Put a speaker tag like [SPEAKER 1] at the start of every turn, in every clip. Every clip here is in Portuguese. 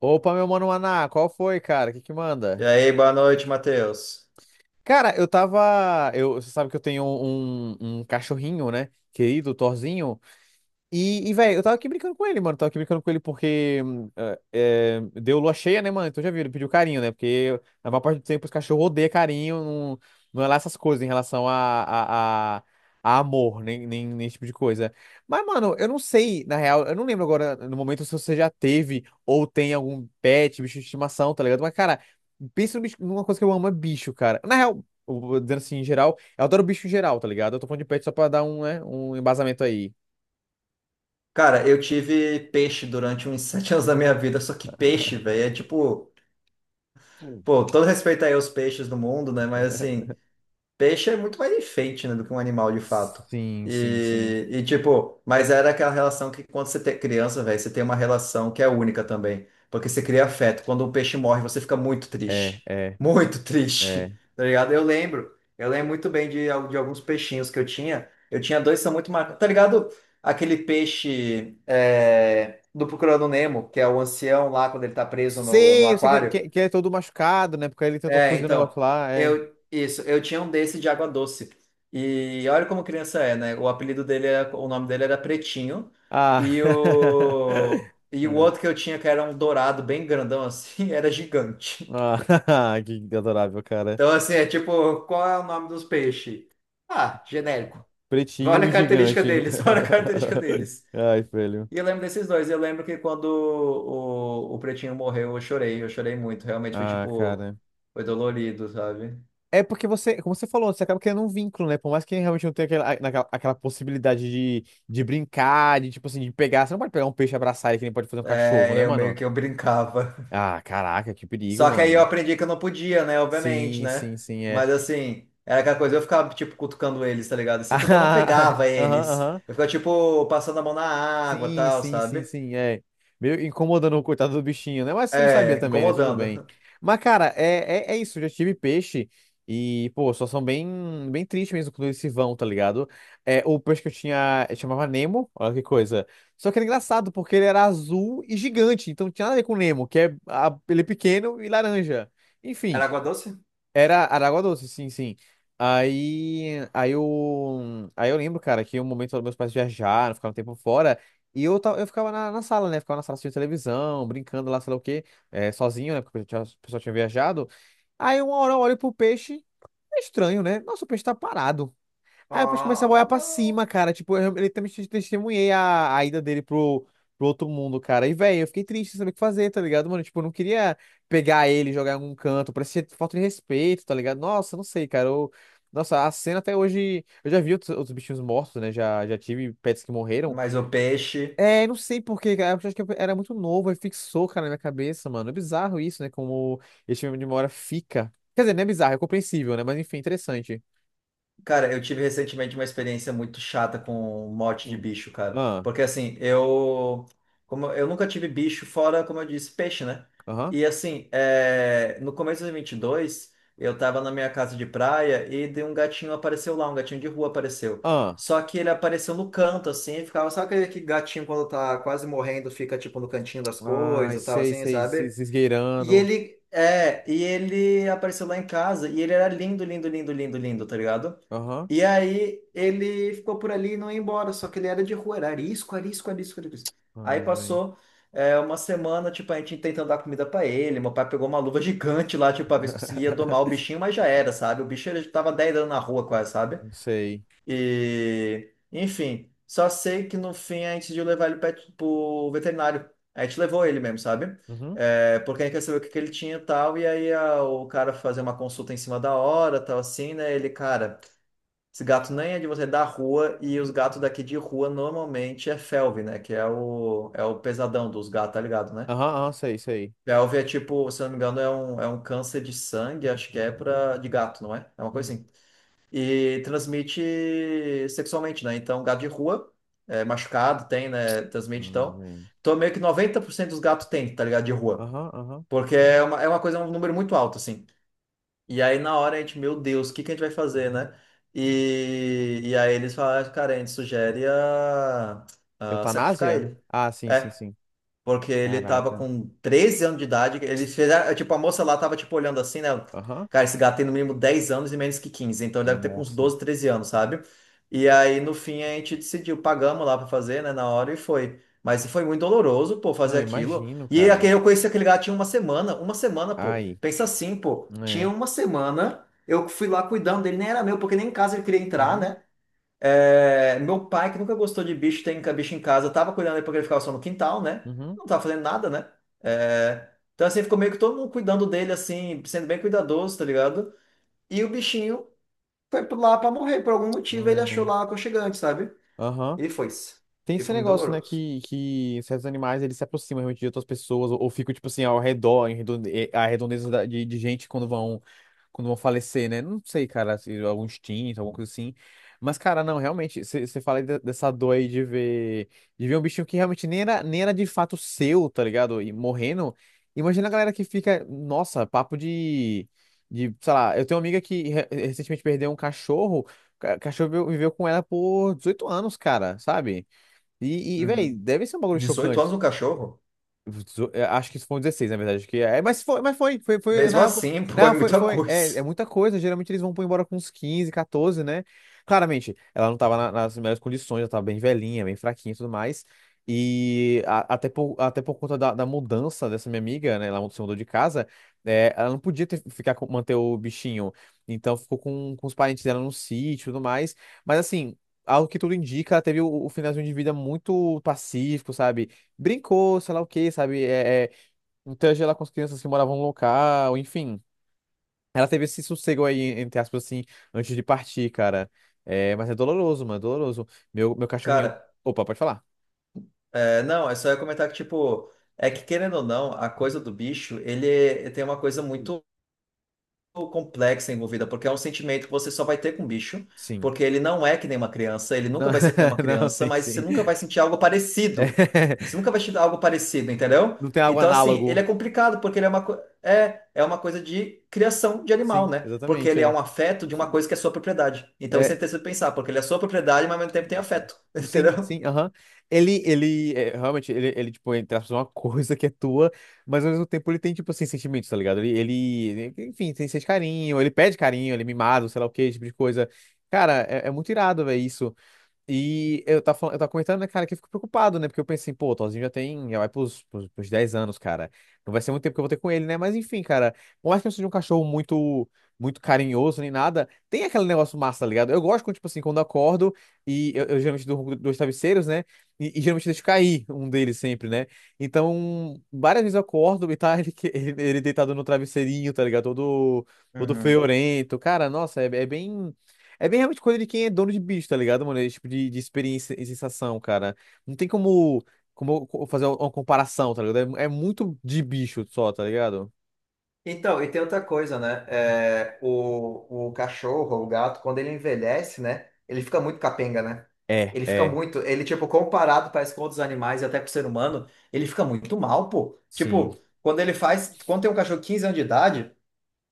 [SPEAKER 1] Opa, meu mano Maná, qual foi, cara? O que que
[SPEAKER 2] E
[SPEAKER 1] manda?
[SPEAKER 2] aí, boa noite, Matheus.
[SPEAKER 1] Cara, eu tava. Eu, você sabe que eu tenho um cachorrinho, né? Querido, Thorzinho. E velho, eu tava aqui brincando com ele, mano. Tava aqui brincando com ele porque deu lua cheia, né, mano? Então já viu, ele pediu carinho, né? Porque a maior parte do tempo os cachorros odeiam carinho, não, não é lá essas coisas em relação a amor, nem esse tipo de coisa. Mas, mano, eu não sei, na real, eu não lembro agora no momento se você já teve ou tem algum pet, bicho de estimação, tá ligado? Mas, cara, pensa no bicho- numa coisa que eu amo, é bicho, cara. Na real, eu vou dizendo assim, em geral, eu adoro bicho em geral, tá ligado? Eu tô falando de pet só pra dar um, né, um embasamento aí.
[SPEAKER 2] Cara, eu tive peixe durante uns 7 anos da minha vida, só que peixe, velho, é tipo, pô, todo respeito aí aos peixes do mundo, né? Mas assim, peixe é muito mais enfeite, né, do que um animal de fato.
[SPEAKER 1] Sim, sim, sim.
[SPEAKER 2] E, tipo, mas era aquela relação que quando você tem criança, velho, você tem uma relação que é única também. Porque você cria afeto. Quando um peixe morre, você fica muito
[SPEAKER 1] É,
[SPEAKER 2] triste.
[SPEAKER 1] é,
[SPEAKER 2] Muito triste.
[SPEAKER 1] é.
[SPEAKER 2] Tá ligado? Eu lembro. Eu lembro muito bem de, de alguns peixinhos que eu tinha. Eu tinha dois que são muito marcados. Tá ligado? Aquele peixe é, do Procurando Nemo, que é o ancião lá quando ele tá preso no
[SPEAKER 1] Sei, eu sei que, é, que,
[SPEAKER 2] aquário.
[SPEAKER 1] é, que é todo machucado, né? Porque ele tentou
[SPEAKER 2] É,
[SPEAKER 1] fugir do negócio
[SPEAKER 2] então,
[SPEAKER 1] lá, é.
[SPEAKER 2] eu isso, eu tinha um desse de água doce. E olha como criança é, né? O apelido dele era, o nome dele era Pretinho,
[SPEAKER 1] Ah.
[SPEAKER 2] e o e o
[SPEAKER 1] É.
[SPEAKER 2] outro que eu tinha que era um dourado bem grandão assim, era gigante.
[SPEAKER 1] Ah, que adorável, cara.
[SPEAKER 2] Então assim, é tipo, qual é o nome dos peixes? Ah, genérico.
[SPEAKER 1] Pretinho
[SPEAKER 2] Olha a
[SPEAKER 1] e
[SPEAKER 2] característica
[SPEAKER 1] gigante.
[SPEAKER 2] deles, olha a característica deles.
[SPEAKER 1] Ai, velho.
[SPEAKER 2] E eu lembro desses dois, eu lembro que quando o Pretinho morreu, eu chorei muito, realmente foi
[SPEAKER 1] Ah,
[SPEAKER 2] tipo,
[SPEAKER 1] cara.
[SPEAKER 2] foi dolorido, sabe?
[SPEAKER 1] É porque você, como você falou, você acaba criando um vínculo, né? Por mais que realmente não tenha aquela possibilidade de brincar, de tipo assim, de pegar. Você não pode pegar um peixe e abraçar ele que nem pode fazer um cachorro,
[SPEAKER 2] É,
[SPEAKER 1] né,
[SPEAKER 2] eu meio
[SPEAKER 1] mano?
[SPEAKER 2] que eu brincava.
[SPEAKER 1] Ah, caraca, que perigo,
[SPEAKER 2] Só que aí eu
[SPEAKER 1] mano.
[SPEAKER 2] aprendi que eu não podia, né? Obviamente,
[SPEAKER 1] Sim,
[SPEAKER 2] né?
[SPEAKER 1] sim, sim, é.
[SPEAKER 2] Mas assim, era aquela coisa, eu ficava, tipo, cutucando eles, tá ligado? Assim,
[SPEAKER 1] ah.
[SPEAKER 2] tipo, eu não pegava
[SPEAKER 1] Aham,
[SPEAKER 2] eles.
[SPEAKER 1] aham.
[SPEAKER 2] Eu ficava, tipo, passando a mão na água,
[SPEAKER 1] Sim,
[SPEAKER 2] tal,
[SPEAKER 1] sim, sim,
[SPEAKER 2] sabe?
[SPEAKER 1] sim, é. Meio incomodando o coitado do bichinho, né? Mas você não sabia
[SPEAKER 2] É,
[SPEAKER 1] também, né? Tudo bem.
[SPEAKER 2] incomodando.
[SPEAKER 1] Mas, cara, é isso. Eu já tive peixe e, pô, só são bem, bem triste mesmo quando eles se vão, tá ligado? É, o peixe que eu tinha eu chamava Nemo, olha que coisa. Só que era engraçado porque ele era azul e gigante, então não tinha nada a ver com o Nemo, que é, ele é pequeno e laranja.
[SPEAKER 2] Era
[SPEAKER 1] Enfim.
[SPEAKER 2] água doce?
[SPEAKER 1] Era Aragua Doce, sim, sim. Aí eu lembro, cara, que um momento meus pais viajaram, ficaram um tempo fora, e eu ficava na sala, né? Ficava na sala assistindo televisão, brincando lá, sei lá o quê, sozinho, né? Porque o pessoal tinha viajado. Aí uma hora eu olho pro peixe, é estranho, né? Nossa, o peixe tá parado. Aí depois começa a
[SPEAKER 2] Ah,
[SPEAKER 1] olhar pra
[SPEAKER 2] não.
[SPEAKER 1] cima, cara. Tipo, eu literalmente testemunhei a ida dele pro outro mundo, cara. E, velho, eu fiquei triste, sem saber o que fazer, tá ligado, mano? Tipo, eu não queria pegar ele, e jogar em algum canto. Parecia falta de respeito, tá ligado? Nossa, não sei, cara. Eu- Nossa, a cena até hoje. Eu já vi outros bichinhos mortos, né? Já tive pets que morreram.
[SPEAKER 2] Mas o peixe.
[SPEAKER 1] É, não sei por quê, cara. Eu acho que eu era muito novo e fixou, cara, na minha cabeça, mano. É bizarro isso, né? Como esse filme de memória fica. Quer dizer, não é bizarro, é compreensível, né? Mas enfim, interessante.
[SPEAKER 2] Cara, eu tive recentemente uma experiência muito chata com morte de
[SPEAKER 1] Sim.
[SPEAKER 2] bicho, cara.
[SPEAKER 1] Ah,
[SPEAKER 2] Porque assim, eu, como eu nunca tive bicho fora, como eu disse, peixe, né?
[SPEAKER 1] aham.
[SPEAKER 2] E assim, é, no começo de 22, eu tava na minha casa de praia e de um gatinho apareceu lá, um gatinho de rua apareceu.
[SPEAKER 1] Ah,
[SPEAKER 2] Só que ele apareceu no canto, assim, ficava, sabe aquele que gatinho quando tá quase morrendo, fica tipo no cantinho das coisas,
[SPEAKER 1] ai,
[SPEAKER 2] e tal,
[SPEAKER 1] sei,
[SPEAKER 2] assim,
[SPEAKER 1] sei,
[SPEAKER 2] sabe?
[SPEAKER 1] se
[SPEAKER 2] E
[SPEAKER 1] esgueirando.
[SPEAKER 2] ele, é, e ele apareceu lá em casa e ele era lindo, lindo, lindo, lindo, lindo, tá ligado?
[SPEAKER 1] Aham.
[SPEAKER 2] E aí ele ficou por ali e não ia embora, só que ele era de rua, era arisco, arisco, arisco, arisco. Aí
[SPEAKER 1] Ai, velho.
[SPEAKER 2] passou uma semana, tipo, a gente tentando dar comida pra ele. Meu pai pegou uma luva gigante lá, tipo, pra ver se conseguia domar o bichinho, mas já era, sabe? O bicho ele tava 10 anos na rua quase, sabe?
[SPEAKER 1] Não sei.
[SPEAKER 2] E, enfim, só sei que no fim a gente decidiu levar ele pro veterinário. A gente levou ele mesmo, sabe?
[SPEAKER 1] Uhum.
[SPEAKER 2] É, porque a gente quer saber o que que ele tinha e tal, e aí o cara fazer uma consulta em cima da hora, tal assim, né? Ele, cara. Esse gato nem é de você da rua, e os gatos daqui de rua normalmente é felve, né? Que é o pesadão dos gatos, tá ligado, né?
[SPEAKER 1] Aham, aham, sei, sei.
[SPEAKER 2] Felve é tipo, se eu não me engano, é um câncer de sangue, acho que é pra, de gato, não é? É uma coisa
[SPEAKER 1] Hum.
[SPEAKER 2] assim. E transmite sexualmente, né? Então, gato de rua, é, machucado, tem, né? Transmite,
[SPEAKER 1] Ai,
[SPEAKER 2] então.
[SPEAKER 1] velho.
[SPEAKER 2] Então, meio que 90% dos gatos tem, tá ligado, de rua.
[SPEAKER 1] Aham, aham.
[SPEAKER 2] Porque é uma coisa, um número muito alto, assim. E aí na hora a gente, meu Deus, o que que a gente vai fazer, né? E aí eles falaram, "Ah, cara, a gente sugere a sacrificar
[SPEAKER 1] Eutanásia?
[SPEAKER 2] ele.
[SPEAKER 1] Ah, sim, sim,
[SPEAKER 2] É,
[SPEAKER 1] sim.
[SPEAKER 2] porque ele tava
[SPEAKER 1] Caraca.
[SPEAKER 2] com 13 anos de idade. Eles fizeram. Tipo, a moça lá tava, tipo, olhando assim, né?
[SPEAKER 1] Aham.
[SPEAKER 2] Cara, esse gato tem no mínimo 10 anos e menos que 15. Então ele deve ter com uns
[SPEAKER 1] Nossa.
[SPEAKER 2] 12, 13 anos, sabe? E aí, no fim, a gente decidiu, pagamos lá pra fazer, né? Na hora e foi. Mas foi muito doloroso, pô, fazer
[SPEAKER 1] Não,
[SPEAKER 2] aquilo.
[SPEAKER 1] imagino,
[SPEAKER 2] E
[SPEAKER 1] cara.
[SPEAKER 2] aquele, eu conheci aquele gato tinha uma semana. Uma semana, pô.
[SPEAKER 1] Ai.
[SPEAKER 2] Pensa assim, pô.
[SPEAKER 1] É.
[SPEAKER 2] Tinha uma semana. Eu fui lá cuidando dele, nem era meu, porque nem em casa ele queria entrar,
[SPEAKER 1] Uhum.
[SPEAKER 2] né? É, meu pai, que nunca gostou de bicho, tem bicho em casa, tava cuidando dele porque ele ficava só no quintal, né?
[SPEAKER 1] Uhum.
[SPEAKER 2] Não tava fazendo nada, né? É, então, assim, ficou meio que todo mundo cuidando dele, assim, sendo bem cuidadoso, tá ligado? E o bichinho foi lá pra morrer, por algum motivo ele achou
[SPEAKER 1] É.
[SPEAKER 2] lá aconchegante, sabe?
[SPEAKER 1] Aham.
[SPEAKER 2] E foi-se.
[SPEAKER 1] Tem
[SPEAKER 2] E
[SPEAKER 1] esse
[SPEAKER 2] foi muito
[SPEAKER 1] negócio, né,
[SPEAKER 2] doloroso.
[SPEAKER 1] que certos animais eles se aproximam realmente de outras pessoas, ou ficam, tipo assim, ao redor, a redondeza de gente quando vão falecer, né? Não sei, cara, se algum instinto, alguma coisa assim. Mas, cara, não, realmente, você fala aí dessa dor aí de ver um bichinho que realmente nem era de fato seu, tá ligado? E morrendo. Imagina a galera que fica, nossa, papo de, sei lá, eu tenho uma amiga que recentemente perdeu um cachorro, o cachorro viveu com ela por 18 anos, cara, sabe? E velho,
[SPEAKER 2] Uhum.
[SPEAKER 1] deve ser um bagulho
[SPEAKER 2] 18 anos
[SPEAKER 1] chocante.
[SPEAKER 2] um cachorro?
[SPEAKER 1] Acho que isso foi um 16, na verdade. Que é, mas foi, foi, foi, na
[SPEAKER 2] Mesmo
[SPEAKER 1] real, foi,
[SPEAKER 2] assim, pô, é
[SPEAKER 1] na foi,
[SPEAKER 2] muita
[SPEAKER 1] foi. É,
[SPEAKER 2] coisa.
[SPEAKER 1] é muita coisa. Geralmente eles vão pôr embora com uns 15 14, né? Claramente, ela não tava nas melhores condições, ela tava bem velhinha, bem fraquinha e tudo mais. E até por conta da mudança dessa minha amiga, né? Ela se mudou de casa, é, ela não podia ficar manter o bichinho. Então ficou com os parentes dela no sítio e tudo mais. Mas assim, ao que tudo indica, ela teve o finalzinho de vida muito pacífico, sabe? Brincou, sei lá o quê, sabe? Interagiu lá com as crianças que moravam no local, enfim. Ela teve esse sossego aí, entre aspas, assim, antes de partir, cara. É, mas é doloroso, mano, é doloroso. Meu cachorrinho.
[SPEAKER 2] Cara,
[SPEAKER 1] Opa, pode falar?
[SPEAKER 2] é, não, é só eu comentar que, tipo, é que querendo ou não, a coisa do bicho, ele tem uma coisa
[SPEAKER 1] Sim.
[SPEAKER 2] muito complexa envolvida, porque é um sentimento que você só vai ter com o bicho,
[SPEAKER 1] Sim.
[SPEAKER 2] porque ele não é que nem uma criança, ele
[SPEAKER 1] Não,
[SPEAKER 2] nunca vai ser que nem uma
[SPEAKER 1] não,
[SPEAKER 2] criança,
[SPEAKER 1] sim,
[SPEAKER 2] mas você
[SPEAKER 1] sim.
[SPEAKER 2] nunca vai sentir algo
[SPEAKER 1] É,
[SPEAKER 2] parecido. Você nunca vai sentir algo parecido, entendeu?
[SPEAKER 1] não tem algo
[SPEAKER 2] Então, assim, ele é
[SPEAKER 1] análogo.
[SPEAKER 2] complicado, porque ele é uma, é uma coisa de criação de animal,
[SPEAKER 1] Sim,
[SPEAKER 2] né? Porque
[SPEAKER 1] exatamente.
[SPEAKER 2] ele é
[SPEAKER 1] É.
[SPEAKER 2] um afeto de uma coisa que é sua propriedade. Então, isso é
[SPEAKER 1] É,
[SPEAKER 2] interessante pensar, porque ele é sua propriedade, mas ao mesmo tempo tem afeto,
[SPEAKER 1] sim,
[SPEAKER 2] entendeu?
[SPEAKER 1] sim, aham. Ele, tipo, entre aspas, é uma coisa que é tua, mas ao mesmo tempo ele tem, tipo, assim, sentimentos, tá ligado? Ele, enfim, tem sente carinho, ele pede carinho, ele é mimado, sei lá o que, esse tipo de coisa. Cara, é muito irado, velho, isso. E eu tava, comentando, né, cara, que eu fico preocupado, né? Porque eu pensei, pô, o Thorzinho já tem, já vai pros 10 anos, cara. Não vai ser muito tempo que eu vou ter com ele, né? Mas enfim, cara, por mais que eu seja um cachorro muito, muito carinhoso nem nada, tem aquele negócio massa, tá ligado? Eu gosto quando, tipo assim, quando eu acordo e eu geralmente durmo com 2 travesseiros, né? E geralmente deixo cair um deles sempre, né? Então, várias vezes eu acordo e tá ele, ele deitado no travesseirinho, tá ligado? Todo, todo
[SPEAKER 2] Uhum.
[SPEAKER 1] feorento. Cara, nossa, é bem. É bem realmente coisa de quem é dono de bicho, tá ligado, mano? Esse tipo de experiência e sensação, cara. Não tem como, como eu fazer uma comparação, tá ligado? É, é muito de bicho só, tá ligado?
[SPEAKER 2] Então, e tem outra coisa, né? É, o cachorro, o gato, quando ele envelhece, né? Ele fica muito capenga, né?
[SPEAKER 1] É,
[SPEAKER 2] Ele fica
[SPEAKER 1] é.
[SPEAKER 2] muito. Ele, tipo, comparado, parece com outros animais e até com o ser humano, ele fica muito mal, pô.
[SPEAKER 1] Sim.
[SPEAKER 2] Tipo, quando ele faz. Quando tem um cachorro de 15 anos de idade,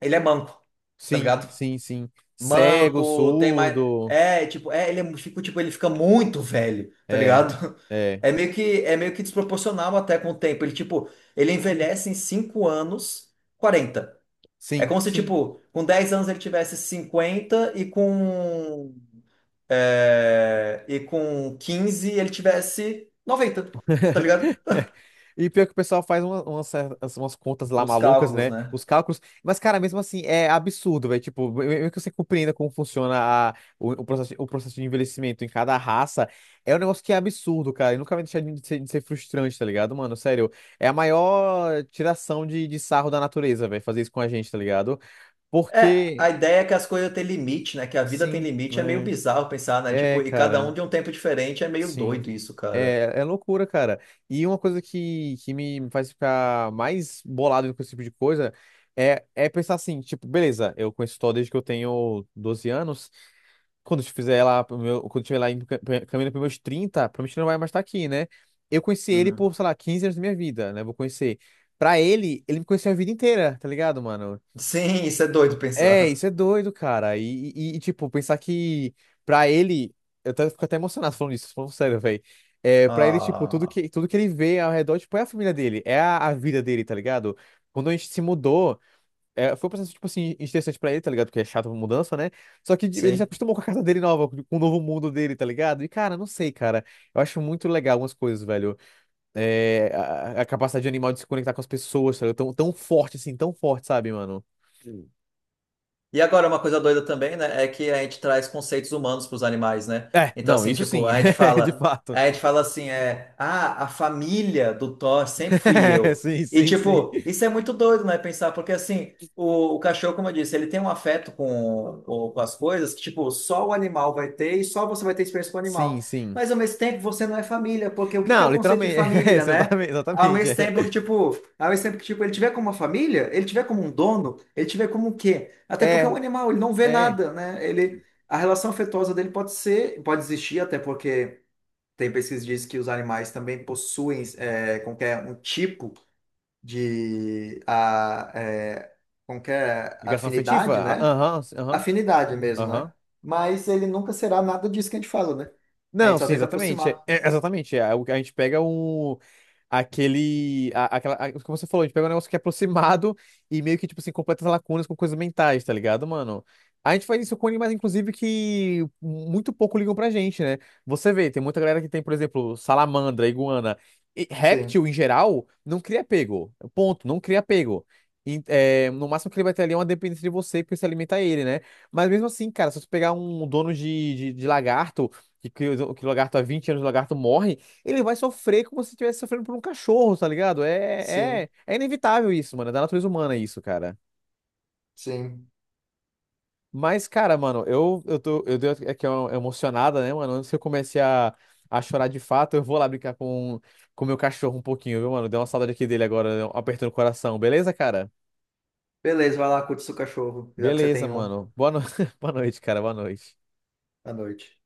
[SPEAKER 2] ele é manco, tá
[SPEAKER 1] Sim,
[SPEAKER 2] ligado?
[SPEAKER 1] sim, sim. Cego,
[SPEAKER 2] Manco, tem mais.
[SPEAKER 1] surdo.
[SPEAKER 2] É, tipo, é, ele é, tipo, ele fica muito velho, tá
[SPEAKER 1] É,
[SPEAKER 2] ligado?
[SPEAKER 1] é.
[SPEAKER 2] É meio que desproporcional até com o tempo. Ele, tipo, ele envelhece em 5 anos, 40. É
[SPEAKER 1] Sim,
[SPEAKER 2] como se,
[SPEAKER 1] sim.
[SPEAKER 2] tipo, com 10 anos ele tivesse 50 e e com 15 ele tivesse 90. Tá ligado?
[SPEAKER 1] E pior que o pessoal faz umas contas lá
[SPEAKER 2] Os
[SPEAKER 1] malucas,
[SPEAKER 2] cálculos,
[SPEAKER 1] né?
[SPEAKER 2] né?
[SPEAKER 1] Os cálculos. Mas, cara, mesmo assim, é absurdo, velho. Tipo, mesmo que você compreenda como funciona o processo de envelhecimento em cada raça, é um negócio que é absurdo, cara. E nunca vai deixar de ser frustrante, tá ligado, mano? Sério, é a maior tiração de sarro da natureza, velho, fazer isso com a gente, tá ligado?
[SPEAKER 2] É, a
[SPEAKER 1] Porque,
[SPEAKER 2] ideia é que as coisas têm limite, né? Que a vida tem
[SPEAKER 1] sim,
[SPEAKER 2] limite, é meio
[SPEAKER 1] né?
[SPEAKER 2] bizarro pensar, né? Tipo,
[SPEAKER 1] É,
[SPEAKER 2] e cada um
[SPEAKER 1] cara.
[SPEAKER 2] de um tempo diferente, é meio
[SPEAKER 1] Sim.
[SPEAKER 2] doido isso, cara.
[SPEAKER 1] É, é loucura, cara. E uma coisa que, me faz ficar mais bolado com esse tipo de coisa é, é pensar assim, tipo, beleza, eu conheço história desde que eu tenho 12 anos. Quando eu fizer lá, pro meu, quando eu estiver lá indo caminhando para meus 30 provavelmente não vai mais estar aqui, né? Eu conheci ele
[SPEAKER 2] Uhum.
[SPEAKER 1] por, sei lá, 15 anos da minha vida, né? Vou conhecer. Pra ele, ele me conheceu a vida inteira, tá ligado, mano?
[SPEAKER 2] Sim, isso é doido
[SPEAKER 1] É,
[SPEAKER 2] pensar.
[SPEAKER 1] isso é doido, cara. E, tipo, pensar que pra ele. Eu até, fico até emocionado falando isso, falando sério, velho. É, pra ele, tipo,
[SPEAKER 2] Ah,
[SPEAKER 1] tudo que ele vê ao redor, tipo, é a família dele, é a vida dele, tá ligado? Quando a gente se mudou, é, foi um processo, tipo assim, interessante pra ele, tá ligado? Porque é chato a mudança, né? Só que ele se
[SPEAKER 2] sim.
[SPEAKER 1] acostumou com a casa dele nova, com o novo mundo dele, tá ligado? E, cara, não sei, cara. Eu acho muito legal algumas coisas, velho. É, a capacidade de animal de se conectar com as pessoas, tá ligado? Tão, tão forte, assim, tão forte, sabe, mano?
[SPEAKER 2] E agora, uma coisa doida também, né, é que a gente traz conceitos humanos para os animais, né?
[SPEAKER 1] É,
[SPEAKER 2] Então,
[SPEAKER 1] não,
[SPEAKER 2] assim,
[SPEAKER 1] isso
[SPEAKER 2] tipo,
[SPEAKER 1] sim,
[SPEAKER 2] a gente
[SPEAKER 1] de
[SPEAKER 2] fala,
[SPEAKER 1] fato.
[SPEAKER 2] a gente fala assim, é, ah, a família do Thor sempre fui eu.
[SPEAKER 1] Sim,
[SPEAKER 2] E,
[SPEAKER 1] sim, sim.
[SPEAKER 2] tipo, isso é muito doido, né, pensar, porque, assim, o cachorro, como eu disse, ele tem um afeto com as coisas que, tipo, só o animal vai ter e só você vai ter experiência com o
[SPEAKER 1] Sim,
[SPEAKER 2] animal.
[SPEAKER 1] sim.
[SPEAKER 2] Mas, ao mesmo tempo, você não é família, porque o que que é
[SPEAKER 1] Não,
[SPEAKER 2] o conceito de
[SPEAKER 1] literalmente, é,
[SPEAKER 2] família, né?
[SPEAKER 1] exatamente,
[SPEAKER 2] Ao
[SPEAKER 1] exatamente.
[SPEAKER 2] mesmo tempo que, tipo, ao mesmo tempo que, tipo, ele tiver como uma família, ele tiver como um dono, ele tiver como o quê? Até porque é um
[SPEAKER 1] É.
[SPEAKER 2] animal, ele não vê
[SPEAKER 1] É.
[SPEAKER 2] nada, né? Ele, a relação afetuosa dele pode ser, pode existir, até porque tem pesquisa que diz que os animais também possuem é, qualquer um tipo de a, é, qualquer
[SPEAKER 1] Ligação afetiva?
[SPEAKER 2] afinidade,
[SPEAKER 1] Ah,
[SPEAKER 2] né?
[SPEAKER 1] aham, aham,
[SPEAKER 2] Afinidade mesmo, né?
[SPEAKER 1] aham.
[SPEAKER 2] Mas ele nunca será nada disso que a gente fala, né? A gente
[SPEAKER 1] Não,
[SPEAKER 2] só
[SPEAKER 1] sim,
[SPEAKER 2] tenta
[SPEAKER 1] exatamente.
[SPEAKER 2] aproximar.
[SPEAKER 1] Exatamente. É, o a gente pega um. Aquele. Como você falou, a gente pega um negócio que é aproximado e meio que, tipo assim, completa as lacunas com coisas mentais, tá ligado, mano? A gente faz isso com animais, inclusive, que muito pouco ligam pra gente, né? Você vê, tem muita galera que tem, por exemplo, salamandra, iguana. E
[SPEAKER 2] Sim,
[SPEAKER 1] réptil, em geral, não cria apego. Ponto, não cria apego. E, é, no máximo que ele vai ter ali é uma dependência de você, porque você alimenta ele, né? Mas mesmo assim, cara, se você pegar um dono de, de lagarto o que o lagarto há 20 anos, o lagarto morre, ele vai sofrer como se estivesse sofrendo por um cachorro, tá ligado?
[SPEAKER 2] sim,
[SPEAKER 1] É inevitável isso, mano. É da natureza humana isso, cara.
[SPEAKER 2] sim.
[SPEAKER 1] Mas, cara, mano, eu dei aqui uma emocionada, né, mano? Antes que eu comece a chorar de fato, eu vou lá brincar com o meu cachorro um pouquinho, viu, mano? Deu uma saudade aqui dele agora, né? Apertando o coração. Beleza, cara?
[SPEAKER 2] Beleza, vai lá, curte seu cachorro, já que você
[SPEAKER 1] Beleza,
[SPEAKER 2] tem um
[SPEAKER 1] mano. Boa no... Boa noite, cara. Boa noite.
[SPEAKER 2] à noite.